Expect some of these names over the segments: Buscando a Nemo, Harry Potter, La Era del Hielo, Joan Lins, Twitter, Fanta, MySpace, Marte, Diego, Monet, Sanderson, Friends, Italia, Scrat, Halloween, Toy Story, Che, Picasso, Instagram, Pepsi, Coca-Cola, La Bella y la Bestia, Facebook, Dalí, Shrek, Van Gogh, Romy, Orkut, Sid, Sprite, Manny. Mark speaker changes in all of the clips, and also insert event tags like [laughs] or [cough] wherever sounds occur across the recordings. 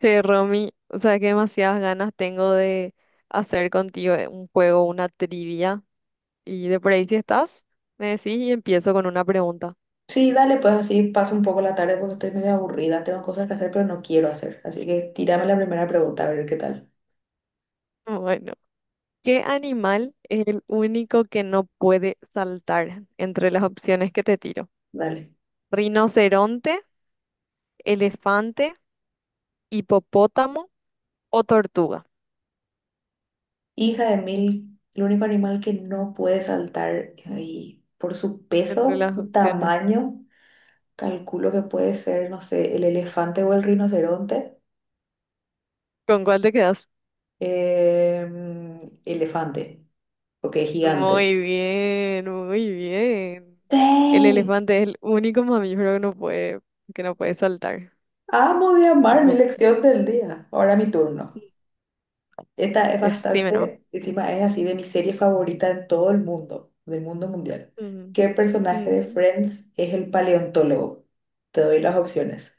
Speaker 1: Che, Romy, o sea que demasiadas ganas tengo de hacer contigo un juego, una trivia. Y de por ahí si estás, me decís y empiezo con una pregunta.
Speaker 2: Sí, dale, pues así paso un poco la tarde porque estoy medio aburrida, tengo cosas que hacer pero no quiero hacer. Así que tírame la primera pregunta a ver qué tal.
Speaker 1: [laughs] Bueno, ¿qué animal es el único que no puede saltar entre las opciones que te tiro?
Speaker 2: Dale.
Speaker 1: ¿Rinoceronte, elefante, hipopótamo o tortuga?
Speaker 2: Hija de mil, el único animal que no puede saltar y por su
Speaker 1: Entre
Speaker 2: peso,
Speaker 1: las
Speaker 2: su
Speaker 1: opciones,
Speaker 2: tamaño, calculo que puede ser, no sé, el elefante o el rinoceronte.
Speaker 1: ¿con cuál te quedas?
Speaker 2: Em, Elefante, porque es gigante.
Speaker 1: Muy bien, muy bien. El
Speaker 2: ¡Sí!
Speaker 1: elefante es el único mamífero que no puede saltar.
Speaker 2: Amo de amar mi
Speaker 1: No,
Speaker 2: lección del día. Ahora mi turno. Esta es
Speaker 1: decime no.
Speaker 2: bastante, encima es así de mi serie favorita en todo el mundo, del mundo mundial.
Speaker 1: Ujú,
Speaker 2: ¿Qué personaje de
Speaker 1: ujú.
Speaker 2: Friends es el paleontólogo? Te doy las opciones.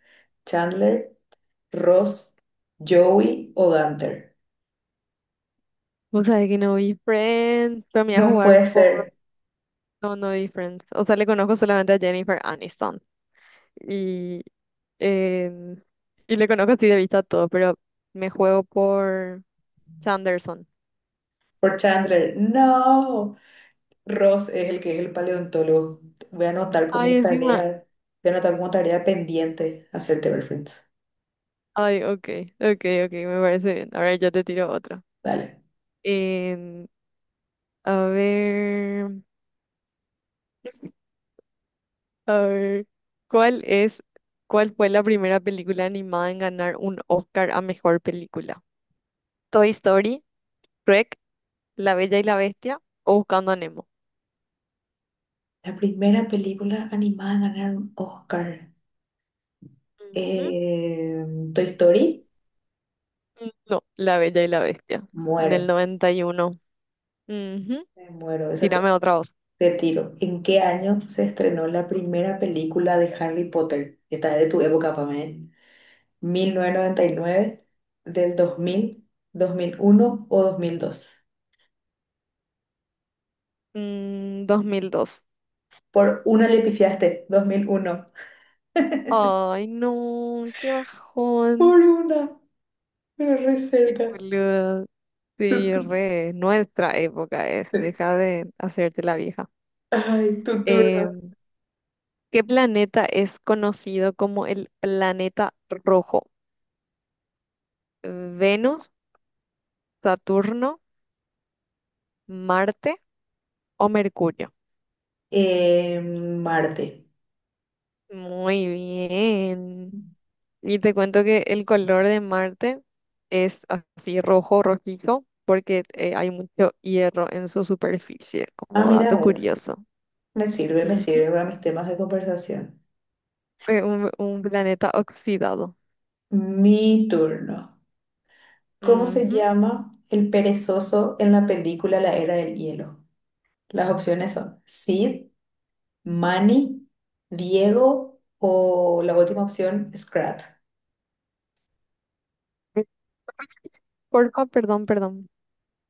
Speaker 2: Chandler, Ross, Joey o Gunther.
Speaker 1: Vos sabés que no vi Friends, pero me iba a
Speaker 2: No
Speaker 1: jugar
Speaker 2: puede
Speaker 1: por...
Speaker 2: ser
Speaker 1: No, no vi Friends. O sea, le conozco solamente a Jennifer Aniston. Y, em, y le conozco así de vista a todo, pero me juego por Sanderson.
Speaker 2: por Chandler. No. Ross es el que es el paleontólogo. Voy a anotar
Speaker 1: Ay,
Speaker 2: como
Speaker 1: encima.
Speaker 2: tarea, voy a anotar como tarea pendiente hacerte ver Friends.
Speaker 1: Ay, ok, ok, ok, me parece bien. Ahora yo te tiro otra.
Speaker 2: Dale.
Speaker 1: Em, A ver, a ver, ¿cuál es, cuál fue la primera película animada en ganar un Oscar a mejor película? Toy Story, Shrek, La Bella y la Bestia o Buscando a Nemo.
Speaker 2: La primera película animada en ganar un Oscar.
Speaker 1: Ujú.
Speaker 2: Eh, Toy Story,
Speaker 1: No, La Bella y la Bestia, en el
Speaker 2: muero,
Speaker 1: 91. Ujú.
Speaker 2: me muero, esa te,
Speaker 1: Tírame otra voz.
Speaker 2: te tiro. ¿En qué año se estrenó la primera película de Harry Potter? Esta es de tu época, Pamela. ¿1999, del dos mil, 2001 o 2002?
Speaker 1: Dos mil dos.
Speaker 2: Por una le pifiaste, 2001.
Speaker 1: Ay, no, qué bajón.
Speaker 2: Por una, pero re
Speaker 1: Qué
Speaker 2: cerca.
Speaker 1: boluda.
Speaker 2: Tu,
Speaker 1: Sí,
Speaker 2: tu-
Speaker 1: re, nuestra época es,
Speaker 2: eh,
Speaker 1: deja de hacerte la vieja.
Speaker 2: Ay, tu
Speaker 1: Eh,
Speaker 2: turno.
Speaker 1: ¿Qué planeta es conocido como el planeta rojo? ¿Venus, Saturno, Marte o Mercurio?
Speaker 2: Marte.
Speaker 1: Muy bien. Y te cuento que el color de Marte es así rojo, rojizo, porque hay mucho hierro en su superficie,
Speaker 2: Ah,
Speaker 1: como
Speaker 2: mira
Speaker 1: dato
Speaker 2: vos.
Speaker 1: curioso.
Speaker 2: Me
Speaker 1: Ujú.
Speaker 2: sirve para mis temas de conversación.
Speaker 1: Un planeta oxidado.
Speaker 2: Mi turno. ¿Cómo se
Speaker 1: Ujú.
Speaker 2: llama el perezoso en la película La Era del Hielo? Las opciones son Sid, Manny, Diego o la última opción, Scrat.
Speaker 1: Porfa, perdón, perdón.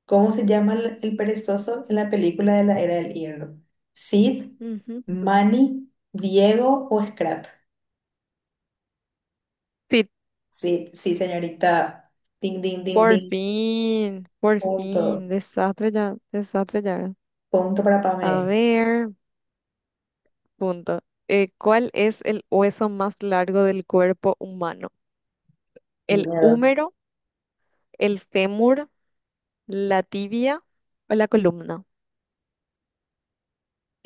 Speaker 2: ¿Cómo se llama el perezoso en la película de La Era del Hielo? Sid,
Speaker 1: Ujú.
Speaker 2: Manny, Diego o Scrat.
Speaker 1: Sí,
Speaker 2: Sí, sí, señorita. Ding, ding, ding,
Speaker 1: por
Speaker 2: ding.
Speaker 1: fin, por
Speaker 2: Punto.
Speaker 1: fin, desastre ya, desastre ya.
Speaker 2: Punto para Pame.
Speaker 1: A ver, punto. ¿Cuál es el hueso más largo del cuerpo humano? ¿El
Speaker 2: Miedo.
Speaker 1: húmero, el fémur, la tibia o la columna?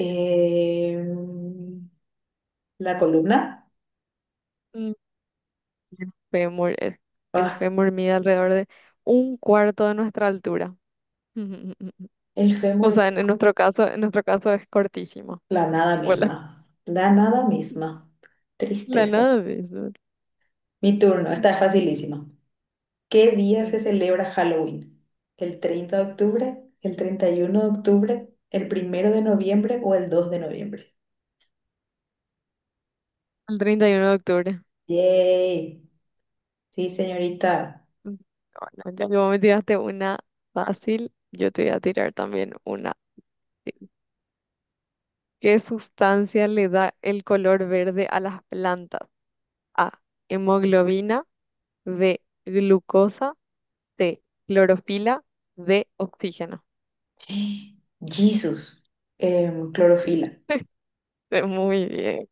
Speaker 2: Em, la columna.
Speaker 1: Mm, El fémur, el
Speaker 2: Ah.
Speaker 1: fémur mide alrededor de un cuarto de nuestra altura. [laughs]
Speaker 2: El
Speaker 1: O
Speaker 2: fémur.
Speaker 1: sea, en nuestro caso, en nuestro caso es cortísimo.
Speaker 2: La nada
Speaker 1: Hola.
Speaker 2: misma. La nada misma.
Speaker 1: La
Speaker 2: Tristeza.
Speaker 1: nave. Eso.
Speaker 2: Mi turno, esta
Speaker 1: Mm,
Speaker 2: es facilísima. ¿Qué día se celebra Halloween? ¿El 30 de octubre, el 31 de octubre, el 1 de noviembre o el 2 de noviembre?
Speaker 1: El 31 de octubre.
Speaker 2: ¡Yay! Sí, señorita.
Speaker 1: Mm, Bueno, ya que vos me tiraste una fácil, yo te voy a tirar también una fácil. ¿Qué sustancia le da el color verde a las plantas? A. Hemoglobina. B. Glucosa. C. Clorofila. D. Oxígeno.
Speaker 2: [gasps] Jesús. Clorofila.
Speaker 1: [laughs] Muy bien,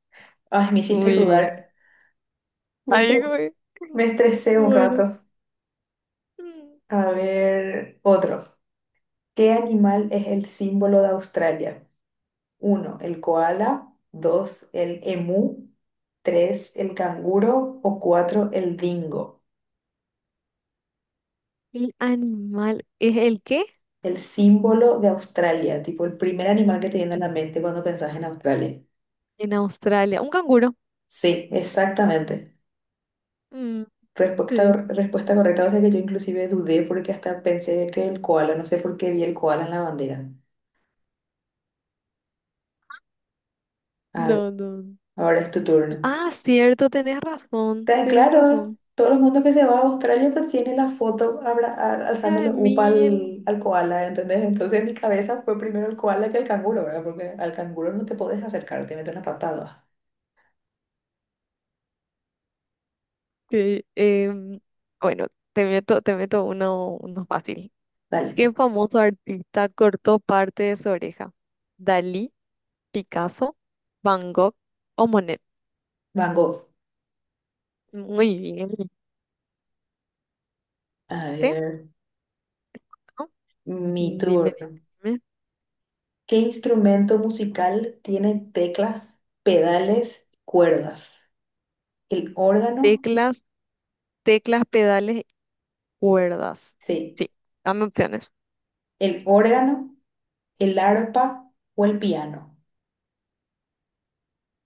Speaker 2: Ay, me hiciste
Speaker 1: muy bien.
Speaker 2: sudar. Me
Speaker 1: Ahí,
Speaker 2: estre-
Speaker 1: güey.
Speaker 2: Me estresé un
Speaker 1: Bueno.
Speaker 2: rato.
Speaker 1: Mm,
Speaker 2: A ver, otro. ¿Qué animal es el símbolo de Australia? Uno, el koala. Dos, el emú. Tres, el canguro. O cuatro, el dingo.
Speaker 1: ¿El animal es el qué?
Speaker 2: El símbolo de Australia, tipo el primer animal que te viene a la mente cuando pensás en Australia.
Speaker 1: En Australia. Un canguro.
Speaker 2: Sí, exactamente.
Speaker 1: Mm,
Speaker 2: Respuesta,
Speaker 1: sí.
Speaker 2: respuesta correcta, o sea que yo inclusive dudé porque hasta pensé que el koala, no sé por qué vi el koala en la bandera. A ver,
Speaker 1: No, no.
Speaker 2: ahora es tu turno.
Speaker 1: Ah, cierto, tenés razón.
Speaker 2: Tan
Speaker 1: Tenés
Speaker 2: claro,
Speaker 1: razón.
Speaker 2: todo el mundo que se va a Australia pues tiene la foto
Speaker 1: Ya
Speaker 2: alzándole
Speaker 1: de
Speaker 2: upa
Speaker 1: mil.
Speaker 2: al, al koala, ¿entendés? Entonces en mi cabeza fue primero el koala que el canguro, ¿verdad? Porque al canguro no te podés acercar, te mete una patada.
Speaker 1: Que, bueno, te meto uno fácil.
Speaker 2: Dale,
Speaker 1: ¿Qué famoso artista cortó parte de su oreja? ¿Dalí, Picasso, Van Gogh o Monet?
Speaker 2: Van Gogh.
Speaker 1: Muy bien,
Speaker 2: A
Speaker 1: ¿viste?
Speaker 2: ver,
Speaker 1: ¿No?
Speaker 2: mi
Speaker 1: Dime, dime,
Speaker 2: turno.
Speaker 1: dime.
Speaker 2: ¿Qué instrumento musical tiene teclas, pedales, cuerdas? ¿El órgano?
Speaker 1: Teclas, teclas, pedales, cuerdas.
Speaker 2: Sí,
Speaker 1: Sí, dame opciones.
Speaker 2: el órgano, el arpa o el piano.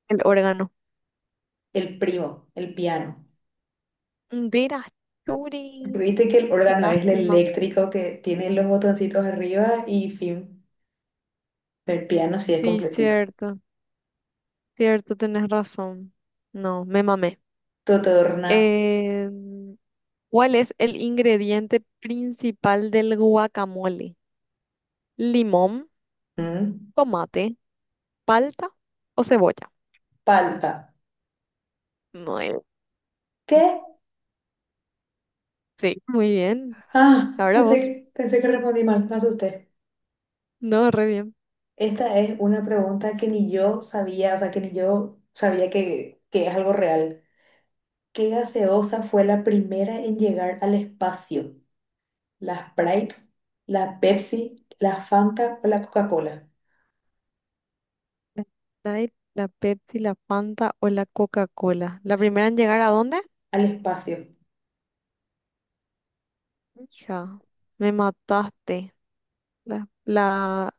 Speaker 1: El órgano.
Speaker 2: El primo, el piano.
Speaker 1: Mira, Churi,
Speaker 2: Viste que el
Speaker 1: qué
Speaker 2: órgano es el
Speaker 1: lástima.
Speaker 2: eléctrico que tiene los botoncitos arriba y fin. El piano sí es
Speaker 1: Sí,
Speaker 2: completito.
Speaker 1: cierto, cierto, tenés razón. No, me mamé.
Speaker 2: Totorna.
Speaker 1: Em, ¿cuál es el ingrediente principal del guacamole? ¿Limón,
Speaker 2: mm,
Speaker 1: tomate, palta o cebolla?
Speaker 2: Palta.
Speaker 1: Muy,
Speaker 2: ¿Qué?
Speaker 1: sí, muy bien.
Speaker 2: Ah,
Speaker 1: Ahora
Speaker 2: pensé que,
Speaker 1: vos.
Speaker 2: pensé que respondí mal, me asusté.
Speaker 1: No, re bien.
Speaker 2: Esta es una pregunta que ni yo sabía, o sea, que ni yo sabía que es algo real. ¿Qué gaseosa fue la primera en llegar al espacio? ¿La Sprite, la Pepsi, la Fanta o la Coca-Cola?
Speaker 1: La Sprite, la Pepsi, la Fanta o la Coca-Cola. ¿La primera en llegar a dónde?
Speaker 2: Al espacio.
Speaker 1: Hija, me mataste. La, la,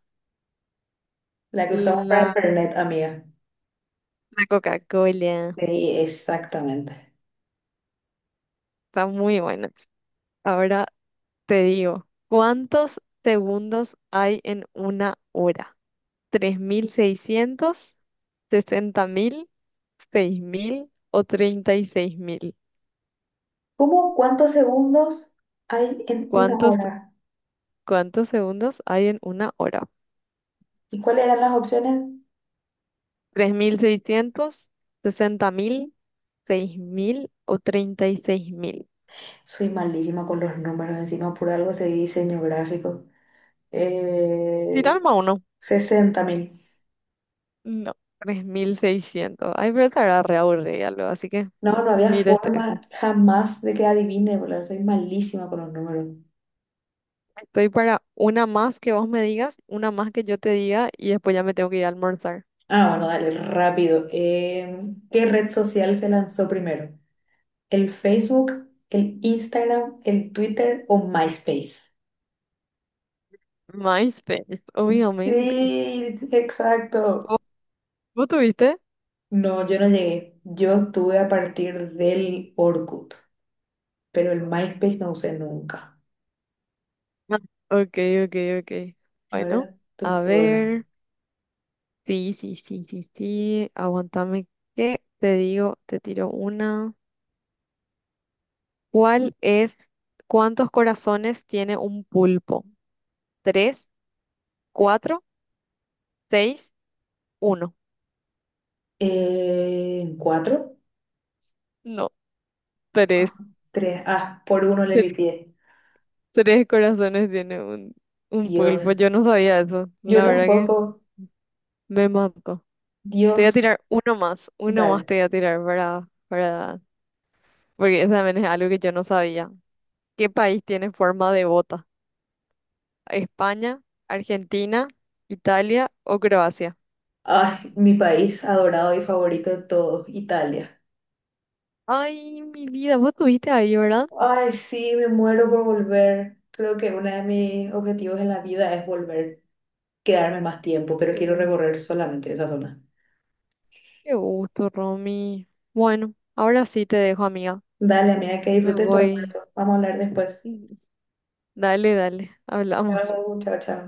Speaker 2: La que usamos para
Speaker 1: la,
Speaker 2: internet, amiga.
Speaker 1: la Coca-Cola.
Speaker 2: Sí, exactamente.
Speaker 1: Está muy buena. Ahora. Te digo, ¿cuántos segundos hay en una hora? ¿3.600, 60.000, 6.000 o 36.000?
Speaker 2: ¿Cómo cuántos segundos hay en una
Speaker 1: ¿Cuántos,
Speaker 2: hora?
Speaker 1: cuántos segundos hay en una hora?
Speaker 2: ¿Y cuáles eran las opciones?
Speaker 1: 3.600, 60.000, 6.000 o 36.000. Cuántos segundos hay en una hora? Tres
Speaker 2: Soy malísima con los números, encima por algo de diseño gráfico.
Speaker 1: mil seiscientos, sesenta mil, seis mil o treinta y seis mil.
Speaker 2: Eh,
Speaker 1: Tirarme a uno.
Speaker 2: 60 mil.
Speaker 1: No. 3.600. Ay, pero estará re aburrida luego, así que
Speaker 2: No, no había
Speaker 1: ni te
Speaker 2: forma
Speaker 1: estreses.
Speaker 2: jamás de que adivine, boludo. Soy malísima con los números.
Speaker 1: Estoy para una más que vos me digas, una más que yo te diga y después ya me tengo que ir a almorzar.
Speaker 2: Ah, bueno, dale, rápido. ¿Qué red social se lanzó primero? ¿El Facebook, el Instagram, el Twitter o MySpace?
Speaker 1: MySpace, obviamente.
Speaker 2: Sí, exacto.
Speaker 1: ¿Vos, vos tuviste?
Speaker 2: No, yo no llegué. Yo estuve a partir del Orkut, pero el MySpace no usé nunca.
Speaker 1: Ah, ok, ok, ok. Bueno,
Speaker 2: Ahora tu
Speaker 1: a
Speaker 2: turno.
Speaker 1: ver. Sí, sí, sí, sí, sí. Aguantame que te digo, te tiro una. ¿Cuál es, cuántos corazones tiene un pulpo? ¿Tres, cuatro, seis, uno?
Speaker 2: ¿Cuatro?
Speaker 1: No, tres.
Speaker 2: Tres. Ah, por uno le pifié.
Speaker 1: Tres corazones tiene un pulpo.
Speaker 2: Dios.
Speaker 1: Yo no sabía eso.
Speaker 2: Yo
Speaker 1: La verdad que
Speaker 2: tampoco.
Speaker 1: me mató. Te voy a
Speaker 2: Dios.
Speaker 1: tirar uno más. Uno más
Speaker 2: Tal.
Speaker 1: te voy a tirar para. Porque eso también es algo que yo no sabía. ¿Qué país tiene forma de bota? ¿España, Argentina, Italia o Croacia?
Speaker 2: Ay, mi país adorado y favorito de todos, Italia.
Speaker 1: Ay, mi vida, vos estuviste ahí, ¿verdad?
Speaker 2: Ay, sí, me muero por volver. Creo que uno de mis objetivos en la vida es volver, quedarme más tiempo,
Speaker 1: Qué
Speaker 2: pero quiero
Speaker 1: gusto,
Speaker 2: recorrer solamente esa zona.
Speaker 1: qué gusto, Romy. Bueno, ahora sí te dejo, amiga.
Speaker 2: Dale, amiga, que
Speaker 1: Me
Speaker 2: disfrutes tu
Speaker 1: voy.
Speaker 2: almuerzo. Vamos a hablar después.
Speaker 1: Dale, dale. Hablamos.
Speaker 2: Chao, chao, chao.